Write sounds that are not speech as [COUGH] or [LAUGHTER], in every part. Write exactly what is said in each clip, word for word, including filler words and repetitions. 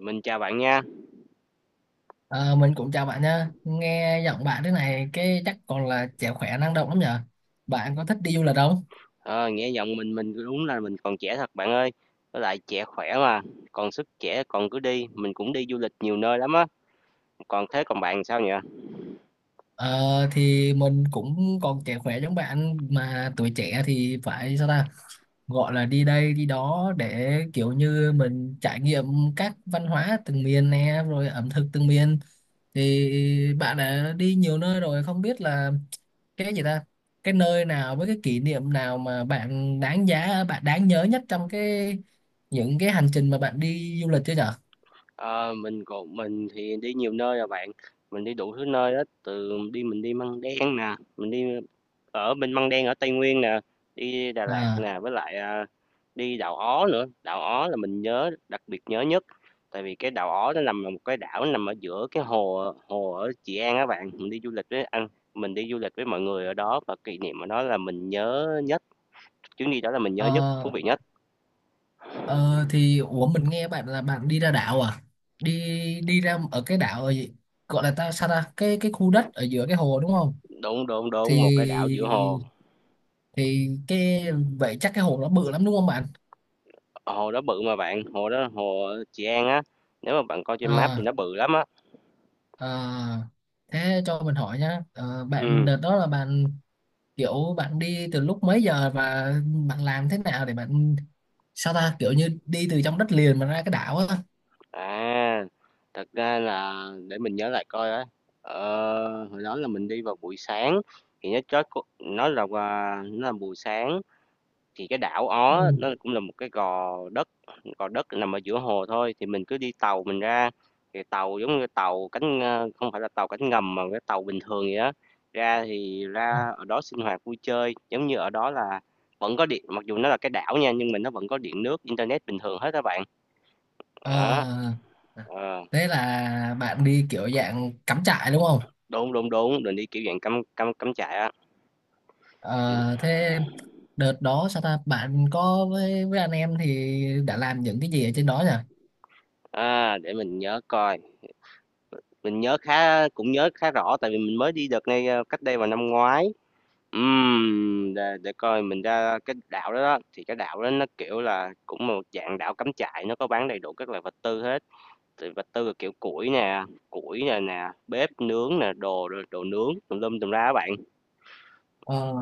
Mình chào bạn nha. Ờ, mình cũng chào bạn nha. Nghe giọng bạn thế này cái chắc còn là trẻ khỏe năng động lắm nhở. Bạn có thích đi du lịch không? Ờ, nghe giọng mình mình đúng là mình còn trẻ thật bạn ơi. Với lại trẻ khỏe mà, còn sức trẻ còn cứ đi, mình cũng đi du lịch nhiều nơi lắm á. Còn thế còn bạn sao nhỉ? Ờ, thì mình cũng còn trẻ khỏe giống bạn, mà tuổi trẻ thì phải sao ta? Gọi là đi đây đi đó để kiểu như mình trải nghiệm các văn hóa từng miền nè, rồi ẩm thực từng miền. Thì bạn đã đi nhiều nơi rồi, không biết là cái gì ta, cái nơi nào với cái kỷ niệm nào mà bạn đáng giá, bạn đáng nhớ nhất trong cái những cái hành trình mà bạn đi du lịch chưa nhở? Ờ, mình còn mình thì đi nhiều nơi rồi bạn. Mình đi đủ thứ nơi đó từ đi mình đi Măng Đen nè, mình đi ở bên Măng Đen ở Tây Nguyên nè, đi Đà Lạt à nè, với lại, à, đi đảo Ó nữa. Đảo Ó là mình nhớ đặc biệt nhớ nhất, tại vì cái đảo Ó nó nằm ở một cái đảo nằm ở giữa cái hồ hồ ở Trị An các bạn. Mình đi du lịch với anh mình đi du lịch với mọi người ở đó và kỷ niệm ở đó là mình nhớ nhất, chuyến đi đó là mình nhớ nhất, thú ờ, vị nhất. ờ, thì ủa, mình nghe bạn là bạn đi ra đảo à? Đi đi ra ở cái đảo ở gì gọi là ta, sao ta, cái cái khu đất ở giữa cái hồ đúng không? Đúng, đúng, thì đúng, một cái đảo giữa hồ, thì cái vậy, chắc cái hồ nó bự lắm đúng không bạn? hồ đó bự mà bạn, hồ đó hồ ở Trị An á, nếu mà bạn coi trên map thì à, nó bự lắm á. à, Thế cho mình hỏi nhá. Ờ, Bạn Ừm. đợt đó là bạn kiểu bạn đi từ lúc mấy giờ, và bạn làm thế nào để bạn sao ta, kiểu như đi từ trong đất liền mà ra cái đảo á? À, thật ra là để mình nhớ lại coi á, ờ, hồi đó là mình đi vào buổi sáng thì nó chót có nó là à, nó là buổi sáng thì cái đảo Ó Ừ. nó cũng là một cái gò đất, gò đất nằm ở giữa hồ thôi thì mình cứ đi tàu mình ra thì tàu giống như tàu cánh à, không phải là tàu cánh ngầm mà cái tàu bình thường vậy đó ra thì ra ở đó sinh hoạt vui chơi giống như ở đó là vẫn có điện mặc dù nó là cái đảo nha nhưng mà nó vẫn có điện nước internet bình thường hết các bạn Ờ, đó ờ. thế là bạn đi kiểu dạng cắm trại đúng không? Đúng, đúng, đúng, mình đi kiểu dạng cắm cắm cắm trại á. Mình Ờ, thế đợt đó sao ta, bạn có với với anh em thì đã làm những cái gì ở trên đó nhỉ? à, để mình nhớ coi, mình nhớ khá cũng nhớ khá rõ tại vì mình mới đi đợt này, ơ, cách đây vào năm ngoái. Ừm, để để coi mình ra cái đảo đó đó, thì cái đảo đó nó, kiểu là, cũng một dạng đảo cắm trại, nó có bán đầy đủ các loại vật tư hết, thì vật tư là kiểu củi nè, củi nè nè, bếp nướng nè, đồ đồ nướng tùm lum tùm la á bạn. Ờ,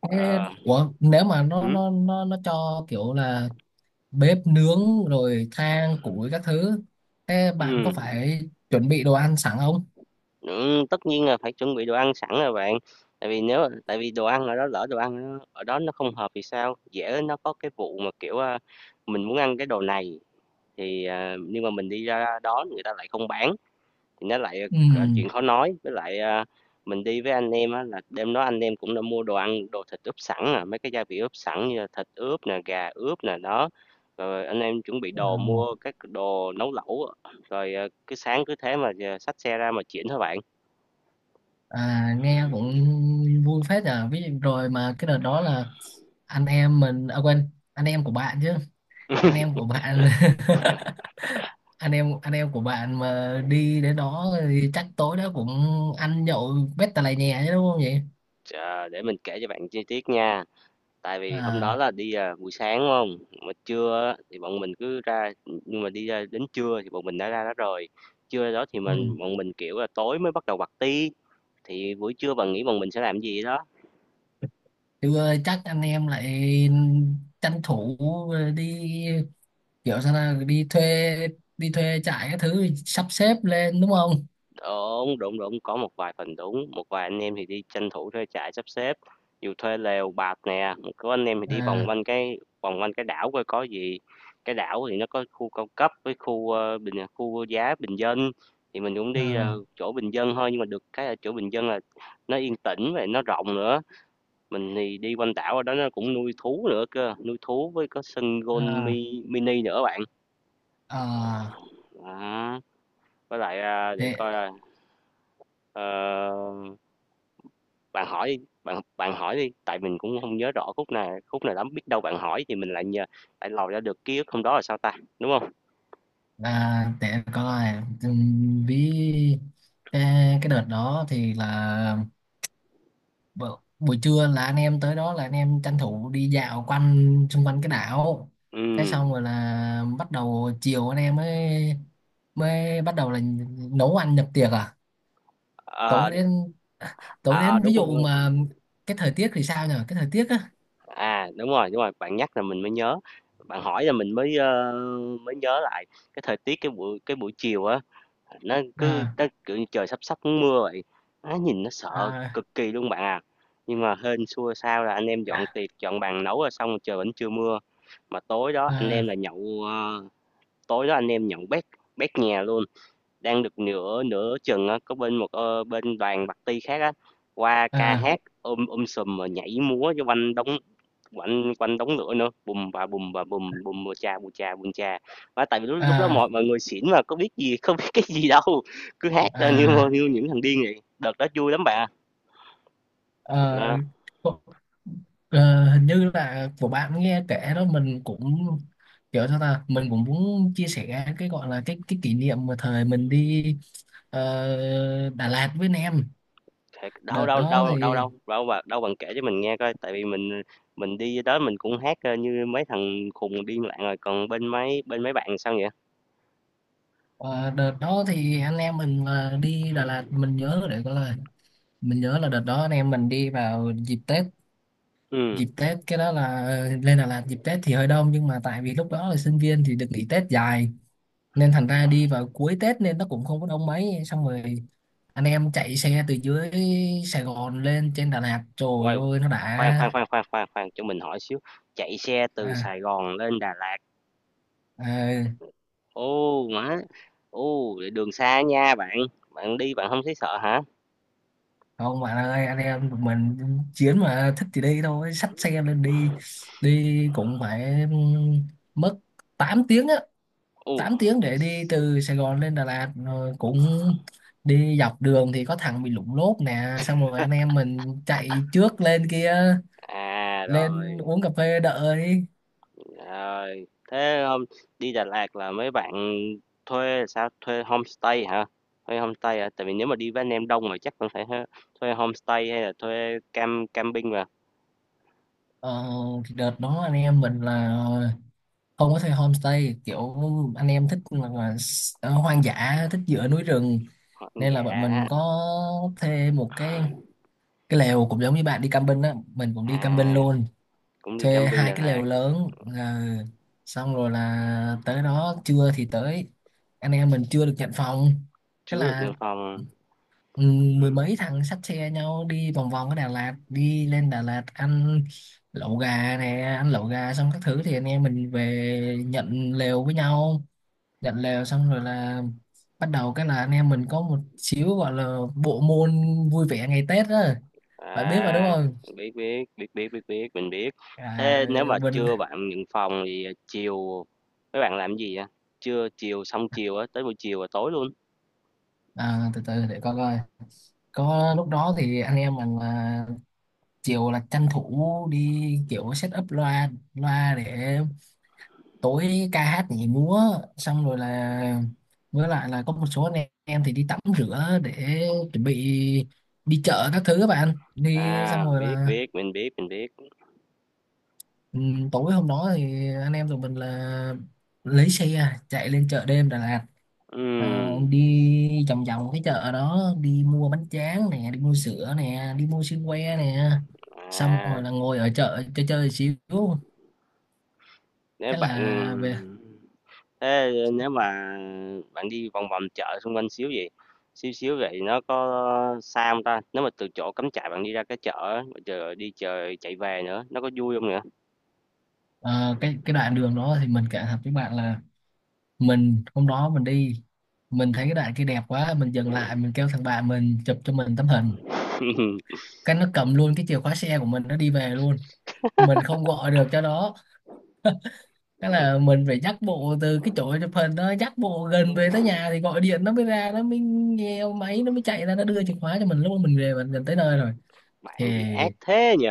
Ê, Ờ, Ủa, nếu mà nó hứm, nó nó nó cho kiểu là bếp nướng rồi than củi các thứ, thế bạn có ừm. phải chuẩn bị đồ ăn sẵn không? Ừm, tất nhiên là phải chuẩn bị đồ ăn sẵn rồi bạn, tại vì nếu tại vì đồ ăn ở đó lỡ đồ ăn nó ở đó nó không hợp thì sao? Dễ nó có cái vụ mà, kiểu, a, mình muốn ăn cái đồ này thì, à, nhưng mà mình đi ra đó người ta lại không bán, thì nó lại, Ừ. ờ, chuyện khó nói. Với lại, a, mình đi với anh em á là đêm đó anh em cũng đã mua đồ ăn, đồ thịt ướp sẵn à, mấy cái gia vị ướp sẵn như là thịt ướp nè, gà ướp nè, đó. Rồi anh em chuẩn bị Ờ, đồ, mua các đồ nấu lẩu, rồi, ờ, cứ sáng cứ thế mà, ờ, xách xe ra mà chuyển thôi bạn. à, nghe cũng vui phết nhờ. Ví dụ rồi mà cái đợt đó là anh em mình, à quên, anh em của bạn chứ, anh em của bạn [LAUGHS] anh em anh em của bạn mà đi đến đó thì chắc tối đó cũng ăn nhậu bét tà lè nhè chứ đúng không vậy? Ờ, để mình kể cho bạn chi tiết nha. Tại vì hôm đó À, là đi, à, buổi sáng, đúng hông? Mà trưa á thì bọn mình cứ ra, nhưng mà đi ra đến trưa thì bọn mình đã ra đó rồi. Trưa đó thì ừ. mình bọn mình, kiểu là, tối mới bắt đầu party, thì buổi trưa bạn nghĩ bọn mình sẽ làm gì đó? Thì ơi chắc anh em lại tranh thủ đi kiểu sao nào, đi thuê đi thuê trại cái thứ sắp xếp lên đúng không? Đúng, đúng, đúng, có một vài phần đúng, một vài anh em thì đi tranh thủ thuê trại sắp xếp, dù thuê lều bạt nè, có anh em thì đi vòng À, quanh cái vòng quanh cái đảo coi có gì. Cái đảo thì nó có khu cao cấp với khu ờ, bình à, khu giá bình dân thì mình cũng đi ờ, à, chỗ bình dân thôi nhưng mà được cái ở chỗ bình dân là nó yên tĩnh và nó rộng nữa. Mình thì đi quanh đảo ở đó nó cũng nuôi thú nữa cơ, nuôi thú với có sân golf à, mi, mini nữa bạn. Ờ, à, đó. Với lại à, để để coi à, ờ, bạn hỏi đi, bạn bạn hỏi đi, tại mình cũng không nhớ rõ khúc nào khúc nào lắm, biết đâu bạn hỏi thì mình lại nhờ lại lòi ra được ký ức hôm đó là sao ta, đúng không? à, để coi. ừm, ví cái, cái đợt đó thì là bu- buổi trưa là anh em tới đó, là anh em tranh thủ đi dạo quanh xung quanh cái đảo. Cái Ừm, xong rồi là bắt đầu chiều, anh em mới mới bắt đầu là nấu ăn nhập tiệc à. ờ, tối đến à, tối à, đến ví đúng rồi, đúng dụ rồi, mà cái thời tiết thì sao nhỉ, cái thời tiết á? à, đúng rồi, đúng rồi, bạn nhắc là mình mới nhớ, bạn hỏi là mình mới, ơ, mới nhớ lại cái thời tiết cái buổi cái buổi chiều á, nó cứ à, nó, kiểu như, trời sắp sắp mưa vậy, nó nhìn nó sợ à, cực kỳ luôn bạn à. Nhưng mà hên xui sao là anh em dọn tiệc, dọn bàn nấu rồi xong trời vẫn chưa mưa, mà tối đó anh em à, là nhậu, ờ tối đó anh em nhận bét bét nhà luôn đang được nửa nửa chừng á có bên một ờ, bên đoàn bạc ti khác á qua ca à, hát ôm ôm sùm mà nhảy múa cho quanh đống quanh quanh đống lửa nữa bùm bà bùm bà bùm bùm bùm cha bùm cha bùm cha và tại vì lúc, lúc đó à, mọi mọi người xỉn mà có biết gì [LAUGHS] không biết cái gì đâu cứ hát ra như à, như những thằng điên vậy đợt đó vui lắm bạn ạ. ờ, Đó. có- ờ, hình như là của bạn nghe kể đó, mình cũng kiểu sao ta, mình cũng muốn chia sẻ cái gọi là cái cái kỷ niệm mà thời mình đi, ờ, Đà Lạt với anh em. Thiệt, đâu, đợt đâu, đó đâu, đâu, thì đâu, đâu bà đâu bạn kể cho mình nghe coi, tại vì mình mình đi tới mình cũng hát, ơ, như mấy thằng khùng điên loạn rồi, còn bên mấy bên mấy bạn sao vậy? ờ, đợt đó thì anh em mình là đi Đà Lạt, mình nhớ để gọi là mình nhớ là đợt đó anh em mình đi vào dịp Tết. Ừm, Dịp Tết cái đó là lên Đà Lạt dịp Tết thì hơi đông, nhưng mà tại vì lúc đó là sinh viên thì được nghỉ Tết dài, nên thành ra đi vào cuối Tết nên nó cũng không có đông mấy. Xong rồi anh em chạy xe từ dưới Sài Gòn lên trên Đà Lạt, trời uầy, ơi nó khoan, khoan, đã. khoan, khoan, khoan, khoan, cho mình hỏi xíu, chạy xe từ à, Sài Gòn lên Đà Lạt, à, ô má, ô, vậy đường xa nha bạn, bạn đi bạn không thấy sợ hả? Không bạn ơi, anh em tụi mình chiến, mà thích thì đi thôi, xách xe lên đi. Đi cũng phải mất tám tiếng á, Ô, tám tiếng để đi từ Sài Gòn lên Đà Lạt. Rồi cũng đi dọc đường thì có thằng bị lủng lốp nè, xong rồi anh em mình chạy trước lên kia, à, lên rồi. uống cà phê đợi. Rồi, thế hôm đi Đà Lạt là mấy bạn thuê sao? Thuê homestay hả? Thuê homestay hả? Tại vì nếu mà đi với anh em đông mà chắc cũng phải ha- thuê homestay hay là thuê cam camping mà. ờ, Đợt đó anh em mình là không có thuê homestay, kiểu anh em thích là, là s- ờ, hoang dã, thích giữa núi rừng. Họ- ăn Nên là bọn Dạ, mình có thuê một cái cái lều cũng giống như bạn đi camping á, mình cũng à đi camping luôn, cũng đi thuê camping hai Đà cái Lạt, lều lớn. À, xong rồi là tới đó trưa thì tới, anh em mình chưa được nhận phòng. Thế chứa được là nhân phong. ừ, Ừ. mười mấy thằng xách xe nhau đi vòng vòng ở Đà Lạt, đi lên Đà Lạt ăn lẩu gà nè ăn lẩu gà xong các thứ thì anh em mình về nhận lều với nhau. Nhận lều xong rồi là bắt đầu cái là anh em mình có một xíu gọi là bộ môn vui vẻ ngày Tết đó, bạn biết mà đúng À, không? biết biết biết biết biết biết mình biết. À, Thế nếu mà mình trưa bạn nhận phòng thì chiều mấy bạn làm gì vậy? Trưa chiều xong chiều á, tới buổi chiều và tối luôn. à, từ từ để coi coi có lúc đó thì anh em mình là chiều là tranh thủ đi kiểu set up loa loa để tối ca hát nhảy múa. Xong rồi là với lại là có một số anh em thì đi tắm rửa để chuẩn bị đi chợ các thứ các bạn, đi À, xong rồi biết là biết mình biết mình biết. ừ, tối hôm đó thì anh em tụi mình là lấy xe chạy lên chợ đêm Đà Lạt. Ờ, Ừm, Đi vòng vòng cái chợ đó, đi mua bánh tráng nè, đi mua sữa nè, đi mua sữa que nè, xong à, rồi là ngồi ở chợ chơi chơi xíu, nếu cái bạn là về. thế nếu mà bạn đi vòng vòng chợ xung quanh xíu vậy, xíu xíu vậy nó có xa không ta? Nếu mà từ chỗ cắm trại bạn đi ra cái chợ á, rồi chờ đi chờ chạy về nữa, nó có vui không nữa? ờ, cái cái đoạn đường đó thì mình cảm thật với bạn là mình hôm đó mình đi, mình thấy cái đoạn kia đẹp quá, mình dừng lại, mình kêu thằng bạn mình chụp cho mình tấm hình. [LAUGHS] Cái nó cầm luôn cái chìa khóa xe của mình, nó đi về luôn, mình không gọi được cho nó. Cái là mình phải dắt bộ từ cái chỗ chụp hình đó, dắt bộ gần về tới nhà thì gọi điện nó mới ra, nó mới nghe máy, nó mới chạy ra, nó đưa chìa khóa cho mình lúc mà mình về mình gần tới nơi rồi. Thì Bạn gì ác thế nhỉ?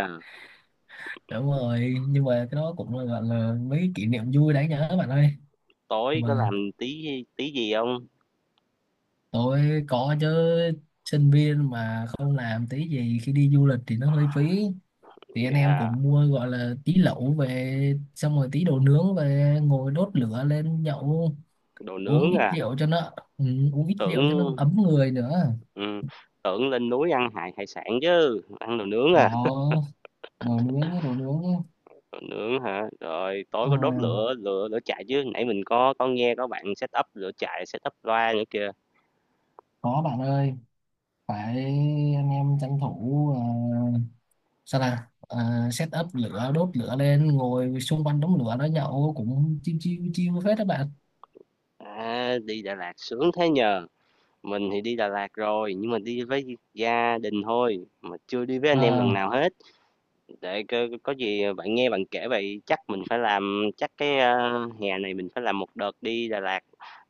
đúng rồi, nhưng mà cái đó cũng là gọi là mấy cái kỷ niệm vui đáng nhớ bạn ơi. Tối có Mà làm tí tí gì không? tôi có chứ, sinh viên mà không làm tí gì khi đi du lịch thì nó hơi phí. Thì anh em Dạ, cũng mua gọi là tí lẩu về, xong rồi tí đồ nướng về, ngồi đốt lửa lên nhậu, đồ uống nướng ít à, rượu cho nó ừ, uống ít rượu cho nó tưởng ấm người nữa. ừm, tưởng lên núi ăn hải hải sản chứ, ăn đồ nướng à. Bảo đồ nướng nhé, đồ nướng nhé. Còn nướng hả? Rồi tối có đốt à, lửa lửa lửa trại chứ, nãy mình có có nghe có bạn set up lửa trại, set up loa nữa kìa. có bạn ơi, phải, anh em tranh thủ, à, sao là à, set up lửa đốt lửa lên, ngồi xung quanh đống lửa đó nhậu cũng chiêu chiêu chiêu phết các bạn. À, đi Đà Lạt sướng thế nhờ. Mình thì đi Đà Lạt rồi, nhưng mà đi với gia đình thôi, mà chưa đi với anh em lần à, nào hết. Để có, có gì bạn nghe bạn kể vậy, chắc mình phải làm, chắc cái ờ, hè này mình phải làm một đợt đi Đà Lạt,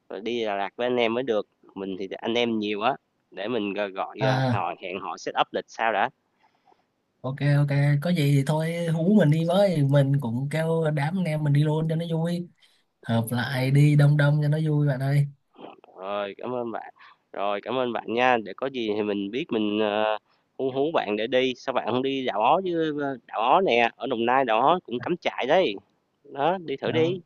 rồi đi Đà Lạt với anh em mới được. Mình thì anh em nhiều á, để mình gọi, gọi ờ, à hỏi hẹn họ set up lịch sao đã. ok ok, có gì thì thôi hú mình đi với, mình cũng kêu đám anh em mình đi luôn cho nó vui, hợp lại đi đông đông cho nó vui bạn ơi. Rồi, cảm ơn bạn. Rồi, cảm ơn bạn nha, để có gì thì mình biết mình, ờ, hú hú bạn để đi, sao bạn không đi Đảo Ó chứ? ờ, Đảo Ó nè, ở Đồng Nai Đảo Ó cũng cắm trại đấy, đó, đi thử Ok. đi.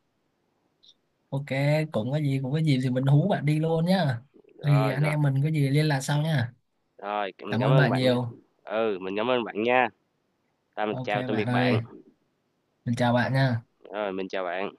Ok, cũng có gì cũng có gì thì mình hú bạn đi luôn nhá. Thì Rồi, anh rồi, em mình có gì liên lạc sau nhá. rồi, mình Cảm cảm ơn ơn bạn bạn nha. nhiều. Ừ, mình cảm ơn bạn nha. Rồi, mình Ok chào tạm bạn biệt bạn. ơi, mình chào bạn nha. Rồi, mình chào bạn.